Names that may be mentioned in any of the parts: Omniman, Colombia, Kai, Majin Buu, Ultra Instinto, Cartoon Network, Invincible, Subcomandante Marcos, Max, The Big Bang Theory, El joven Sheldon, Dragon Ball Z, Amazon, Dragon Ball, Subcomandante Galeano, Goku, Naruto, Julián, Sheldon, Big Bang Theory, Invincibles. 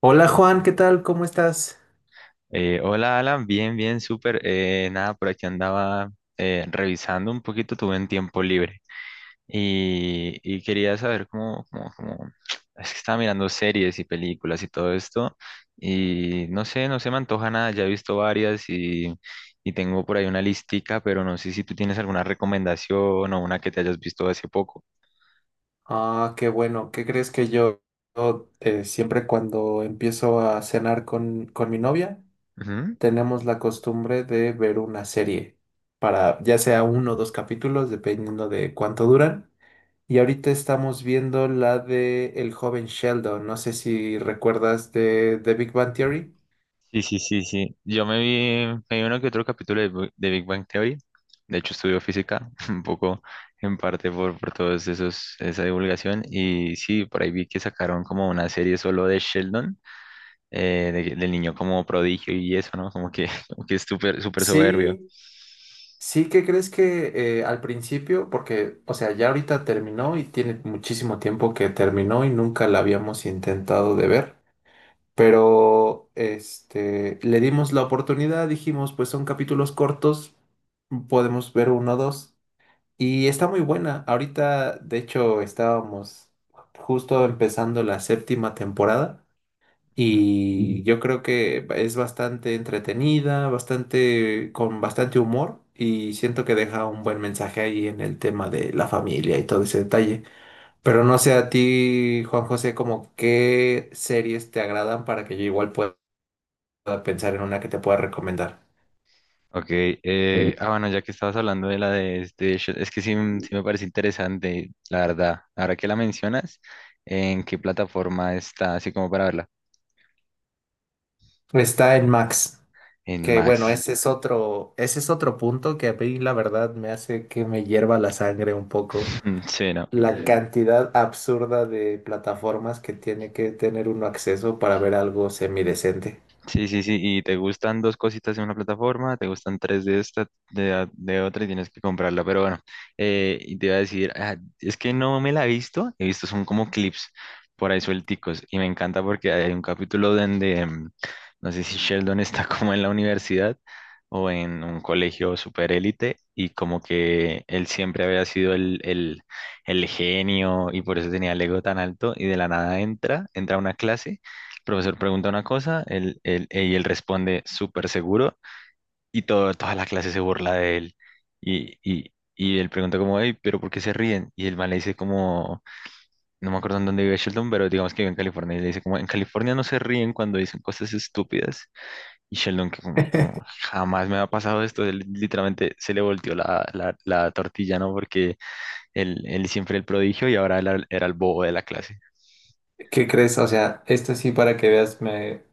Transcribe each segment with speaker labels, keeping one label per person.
Speaker 1: Hola Juan, ¿qué tal? ¿Cómo estás?
Speaker 2: Hola Alan, bien, bien, súper. Nada, por aquí andaba revisando un poquito, tuve un tiempo libre y quería saber Es que estaba mirando series y películas y todo esto, y no sé, no se me antoja nada, ya he visto varias, y tengo por ahí una listica, pero no sé si tú tienes alguna recomendación o una que te hayas visto hace poco.
Speaker 1: Ah, qué bueno. ¿Qué crees que yo siempre cuando empiezo a cenar con mi novia, tenemos la costumbre de ver una serie para ya sea uno o dos capítulos, dependiendo de cuánto duran. Y ahorita estamos viendo la de El joven Sheldon. No sé si recuerdas de The Big Bang Theory.
Speaker 2: Sí, sí, sí, sí. Yo me vi uno que otro capítulo de Big Bang Theory. De hecho, estudio física, un poco en parte por todos esos, esa divulgación. Y sí, por ahí vi que sacaron como una serie solo de Sheldon, del niño como prodigio y eso, ¿no? Como que, como que es súper, súper soberbio.
Speaker 1: Sí, sí, ¿qué crees que al principio? Porque, o sea, ya ahorita terminó y tiene muchísimo tiempo que terminó y nunca la habíamos intentado de ver. Pero, este, le dimos la oportunidad, dijimos, pues son capítulos cortos, podemos ver uno o dos. Y está muy buena. Ahorita, de hecho, estábamos justo empezando la séptima temporada. Y yo creo que es bastante entretenida, bastante, con bastante humor, y siento que deja un buen mensaje ahí en el tema de la familia y todo ese detalle. Pero no sé a ti, Juan José, como qué series te agradan para que yo igual pueda pensar en una que te pueda recomendar.
Speaker 2: Ok, bueno, ya que estabas hablando de la de es que sí, sí me parece interesante, la verdad. Ahora que la mencionas, ¿en qué plataforma está? Así como para verla.
Speaker 1: Está en Max,
Speaker 2: En
Speaker 1: que bueno,
Speaker 2: Max.
Speaker 1: ese es otro punto que a mí la verdad me hace que me hierva la sangre un poco
Speaker 2: Sí, ¿no?
Speaker 1: la cantidad absurda de plataformas que tiene que tener uno acceso para ver algo semidecente.
Speaker 2: Sí, sí, sí, y te gustan dos cositas en una plataforma, te gustan tres de esta, de otra y tienes que comprarla, pero bueno, y te iba a decir, ah, es que no me la he visto son como clips por ahí suelticos, y me encanta porque hay un capítulo donde, no sé si Sheldon está como en la universidad o en un colegio super élite, y como que él siempre había sido el genio, y por eso tenía el ego tan alto, y de la nada entra a una clase, profesor pregunta una cosa, y él responde súper seguro, y todo, toda la clase se burla de él. Y él pregunta como, hey, pero ¿por qué se ríen? Y el man le dice como, no me acuerdo en dónde vive Sheldon, pero digamos que vive en California. Y le dice como, en California no se ríen cuando dicen cosas estúpidas. Y Sheldon que como, jamás me ha pasado esto, él literalmente se le volteó la tortilla, ¿no? Porque él siempre el prodigio, y ahora él era el bobo de la clase.
Speaker 1: ¿Qué crees? O sea, esto sí para que veas, me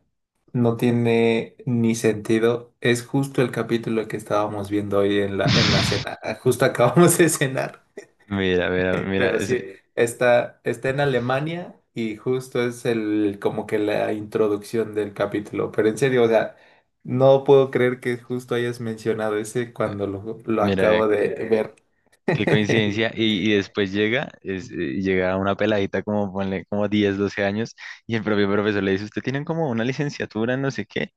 Speaker 1: no tiene ni sentido. Es justo el capítulo que estábamos viendo hoy en la cena. Justo acabamos de cenar.
Speaker 2: Mira, mira, mira,
Speaker 1: Pero sí, está en Alemania y justo es el como que la introducción del capítulo. Pero en serio, o sea, no puedo creer que justo hayas mencionado ese cuando lo
Speaker 2: mira
Speaker 1: acabo de ver.
Speaker 2: qué coincidencia.
Speaker 1: Sí.
Speaker 2: Y después llega, llega una peladita como, ponle, como 10 12 años, y el propio profesor le dice, usted tiene como una licenciatura, en no sé qué.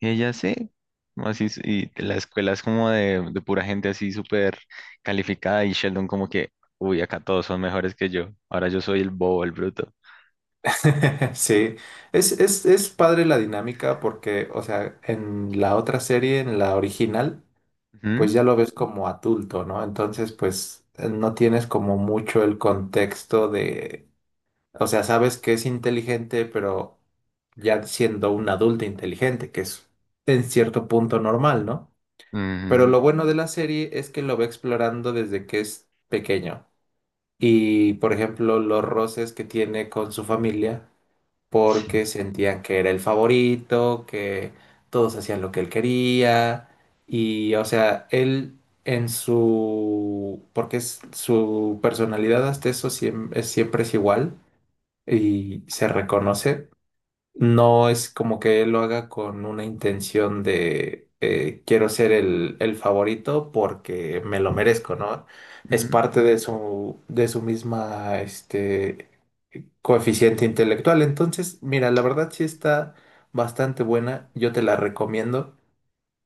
Speaker 2: Y ella sí, como así, y la escuela es como de pura gente así súper calificada, y Sheldon como que, uy, acá todos son mejores que yo. Ahora yo soy el bobo, el bruto.
Speaker 1: Sí. Es padre la dinámica porque, o sea, en la otra serie, en la original, pues ya lo ves como adulto, ¿no? Entonces, pues no tienes como mucho el contexto de, o sea, sabes que es inteligente, pero ya siendo un adulto inteligente, que es en cierto punto normal, ¿no?
Speaker 2: Ujú,
Speaker 1: Pero
Speaker 2: ujú,
Speaker 1: lo bueno de la serie es que lo va explorando desde que es pequeño. Y, por ejemplo, los roces que tiene con su familia porque
Speaker 2: sí,
Speaker 1: sentían que era el favorito, que todos hacían lo que él quería y o sea, él en su, porque es, su personalidad hasta eso siem- es- siempre es igual y se reconoce, no es como que él lo haga con una intención de quiero ser el favorito porque me lo merezco, ¿no? Es
Speaker 2: ujú,
Speaker 1: parte de su misma, este, coeficiente intelectual. Entonces, mira, la verdad sí está bastante buena, yo te la recomiendo.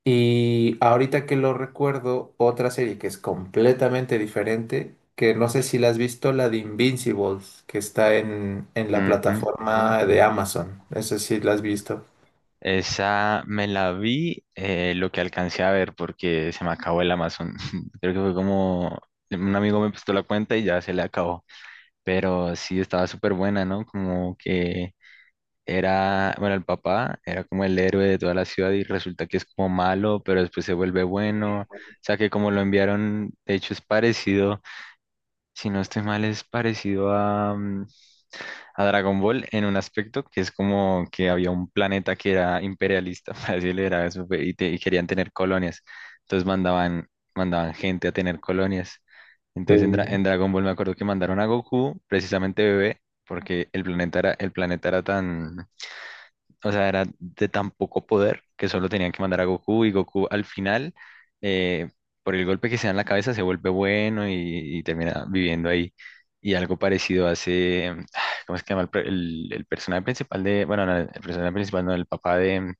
Speaker 1: Y ahorita que lo recuerdo, otra serie que es completamente diferente, que no sé si la has visto, la de Invincibles, que está en la
Speaker 2: ujú.
Speaker 1: plataforma de Amazon. Eso sí la has visto.
Speaker 2: Esa me la vi, lo que alcancé a ver porque se me acabó el Amazon. Creo que fue como un amigo me prestó la cuenta y ya se le acabó. Pero sí estaba súper buena, ¿no? Como que era, bueno, el papá era como el héroe de toda la ciudad, y resulta que es como malo, pero después se vuelve bueno. O sea que como lo enviaron, de hecho es parecido, si no estoy mal, es parecido a Dragon Ball, en un aspecto que es como que había un planeta que era imperialista, para decirlo, era eso, fue, y, te- y querían tener colonias. Entonces mandaban, gente a tener colonias. Entonces en, Dra-
Speaker 1: Sí.
Speaker 2: en Dragon Ball me acuerdo que mandaron a Goku, precisamente bebé, porque el planeta era tan, o sea, era de tan poco poder, que solo tenían que mandar a Goku, y Goku al final, eh, por el golpe que se da en la cabeza, se vuelve bueno, y termina viviendo ahí. Y algo parecido hace, ¿cómo es que se llama? El personaje principal de, bueno, no, el personaje principal, no, el papá de,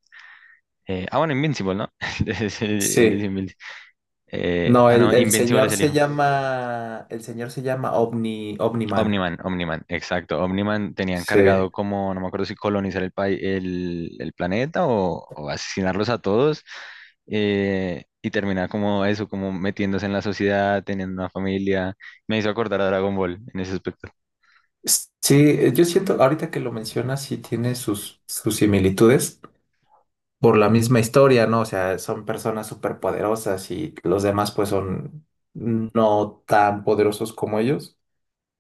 Speaker 2: bueno, Invincible, ¿no? Él es, él es
Speaker 1: Sí.
Speaker 2: Invin-
Speaker 1: No,
Speaker 2: no,
Speaker 1: el
Speaker 2: Invincible
Speaker 1: señor
Speaker 2: es el
Speaker 1: se
Speaker 2: hijo.
Speaker 1: llama, el señor se llama Omniman.
Speaker 2: Omniman, Omniman, exacto. Omniman tenía
Speaker 1: Sí.
Speaker 2: encargado como, no me acuerdo si colonizar el planeta, o asesinarlos a todos, y terminar como eso, como metiéndose en la sociedad, teniendo una familia. Me hizo acordar a Dragon Ball en ese aspecto.
Speaker 1: Sí, yo siento, ahorita que lo mencionas, sí tiene sus similitudes por la misma historia, ¿no? O sea, son personas súper poderosas y los demás pues son no tan poderosos como ellos.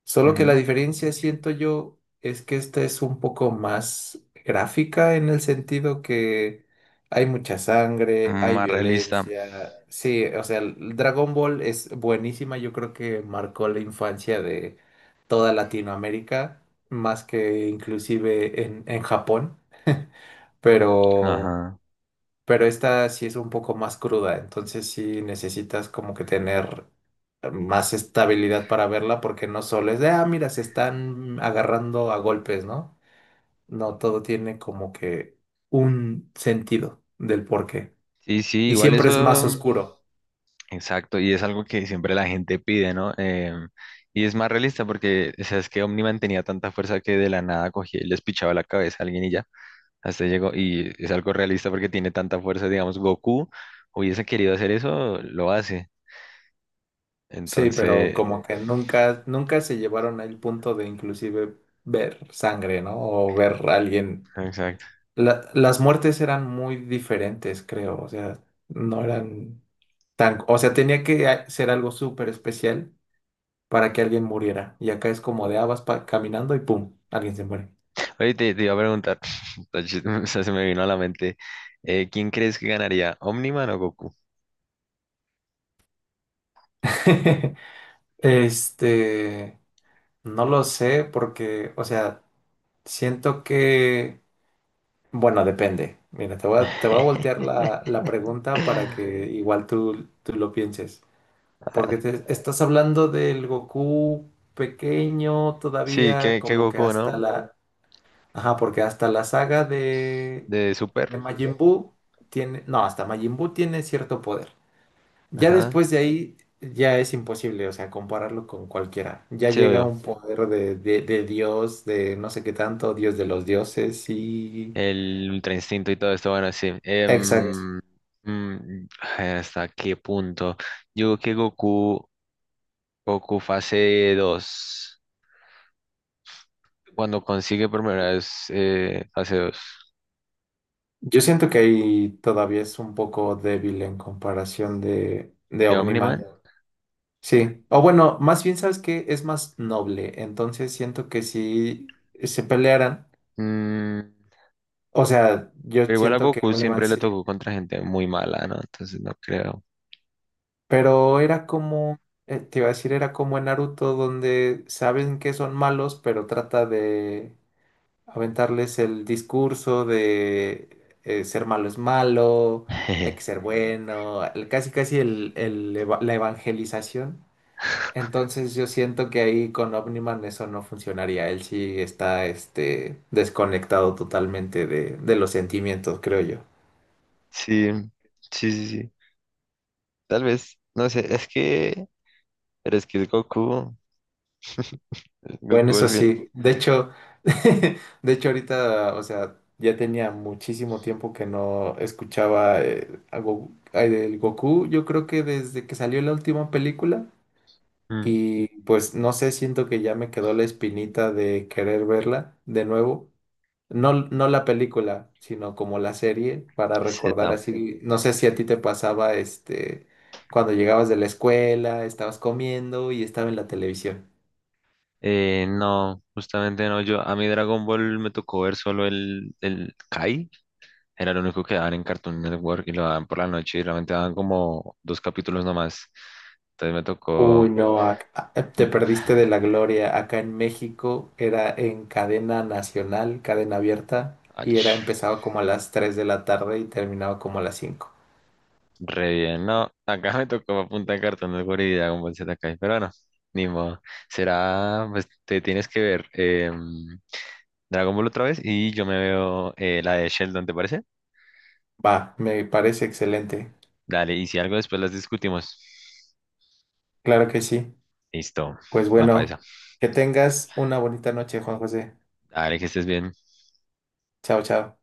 Speaker 1: Solo que la
Speaker 2: Ujú.
Speaker 1: diferencia, siento yo, es que esta es un poco más gráfica en el sentido que hay mucha sangre, hay
Speaker 2: Más realista.
Speaker 1: violencia. Sí, o sea, el Dragon Ball es buenísima, yo creo que marcó la infancia de toda Latinoamérica, más que inclusive en Japón, pero
Speaker 2: Ajá.
Speaker 1: pero esta sí es un poco más cruda, entonces sí necesitas como que tener más estabilidad para verla porque no solo es de, ah, mira, se están agarrando a golpes, ¿no? No, todo tiene como que un sentido del porqué.
Speaker 2: Sí, sí,
Speaker 1: Y
Speaker 2: igual
Speaker 1: siempre es
Speaker 2: eso,
Speaker 1: más oscuro,
Speaker 2: exacto, y es algo que siempre la gente pide, ¿no? Y es más realista porque, o sea, es que Omniman tenía tanta fuerza que de la nada cogía y les pichaba la cabeza a alguien y ya. Hasta ahí llegó, y es algo realista porque tiene tanta fuerza, digamos, Goku hubiese querido hacer eso, lo hace.
Speaker 1: sí, pero
Speaker 2: Entonces,
Speaker 1: como que nunca, nunca se llevaron al punto de inclusive ver sangre, ¿no? O ver a alguien.
Speaker 2: exacto.
Speaker 1: Las muertes eran muy diferentes, creo, o sea, no eran... Tan, o sea, tenía que ser algo súper especial para que alguien muriera. Y acá es como de habas caminando y ¡pum! Alguien se muere.
Speaker 2: Oye, te iba a preguntar, está o sea, se me vino a la mente, ¿quién crees que ganaría, Omniman o Goku?
Speaker 1: Este, no lo sé porque, o sea, siento que, bueno, depende. Mira, te voy a voltear la pregunta para que igual tú lo pienses.
Speaker 2: Ah,
Speaker 1: Porque estás hablando del Goku pequeño
Speaker 2: Sí,
Speaker 1: todavía,
Speaker 2: que
Speaker 1: como que
Speaker 2: Goku,
Speaker 1: hasta
Speaker 2: ¿no?
Speaker 1: la... Ajá, porque hasta
Speaker 2: De Super.
Speaker 1: de Majin Buu tiene, no, hasta Majin Buu tiene cierto poder. Ya
Speaker 2: Ajá.
Speaker 1: después de ahí ya es imposible, o sea, compararlo con cualquiera. Ya
Speaker 2: Sí,
Speaker 1: llega
Speaker 2: obvio.
Speaker 1: un poder de Dios, de no sé qué tanto, Dios de los dioses y... Sí.
Speaker 2: El Ultra Instinto y todo esto, bueno, sí.
Speaker 1: Exacto.
Speaker 2: Mm, ay, ¿hasta qué punto? Yo creo que Goku, fase dos. Cuando consigue por primera vez fase 2
Speaker 1: Yo siento que ahí todavía es un poco débil en comparación de
Speaker 2: de
Speaker 1: Omniman.
Speaker 2: Omniman.
Speaker 1: Sí, o bueno, más bien sabes que es más noble, entonces siento que si se pelearan.
Speaker 2: mm,
Speaker 1: O sea, yo
Speaker 2: pero igual a
Speaker 1: siento que
Speaker 2: Goku
Speaker 1: un imán
Speaker 2: siempre le
Speaker 1: sí.
Speaker 2: tocó contra gente muy mala, ¿no? Entonces no creo.
Speaker 1: Pero era como, te iba a decir, era como en Naruto, donde saben que son malos, pero trata de aventarles el discurso de ser malo es malo, hay que ser bueno, casi casi la evangelización. Entonces yo siento que ahí con Omniman eso no funcionaría. Él sí está este, desconectado totalmente de los sentimientos, creo yo.
Speaker 2: Sí, sí, sí, sí. Tal vez, no sé, es que, pero es que es
Speaker 1: Bueno,
Speaker 2: Goku al
Speaker 1: eso
Speaker 2: fin.
Speaker 1: sí. De hecho, de hecho ahorita, o sea, ya tenía muchísimo tiempo que no escuchaba a el Goku, yo creo que desde que salió la última película.
Speaker 2: Mm,
Speaker 1: Y pues no sé, siento que ya me quedó la espinita de querer verla de nuevo. No, no la película, sino como la serie, para
Speaker 2: Z.
Speaker 1: recordar así. No sé si a ti te pasaba este cuando llegabas de la escuela, estabas comiendo y estaba en la televisión.
Speaker 2: No, justamente no, yo, a mí Dragon Ball me tocó ver solo el Kai, era lo único que daban en Cartoon Network, y lo daban por la noche, y realmente daban como dos capítulos nomás. Entonces me tocó.
Speaker 1: Uy, no, te
Speaker 2: Mm,
Speaker 1: perdiste de la gloria. Acá en México era en cadena nacional, cadena abierta, y
Speaker 2: ach,
Speaker 1: era empezaba como a las 3 de la tarde y terminaba como a las 5.
Speaker 2: Re bien, no. Acá me tocó punta de cartón de Guri con Dragon Ball Z, pero bueno, ni modo. Será, pues te tienes que ver Dragon Ball otra vez, y yo me veo la de Sheldon, ¿te parece?
Speaker 1: Va, me parece excelente.
Speaker 2: Dale, y si algo después las discutimos.
Speaker 1: Claro que sí.
Speaker 2: Listo,
Speaker 1: Pues
Speaker 2: va para esa.
Speaker 1: bueno, que tengas una bonita noche, Juan José.
Speaker 2: Dale, que estés bien.
Speaker 1: Chao, chao.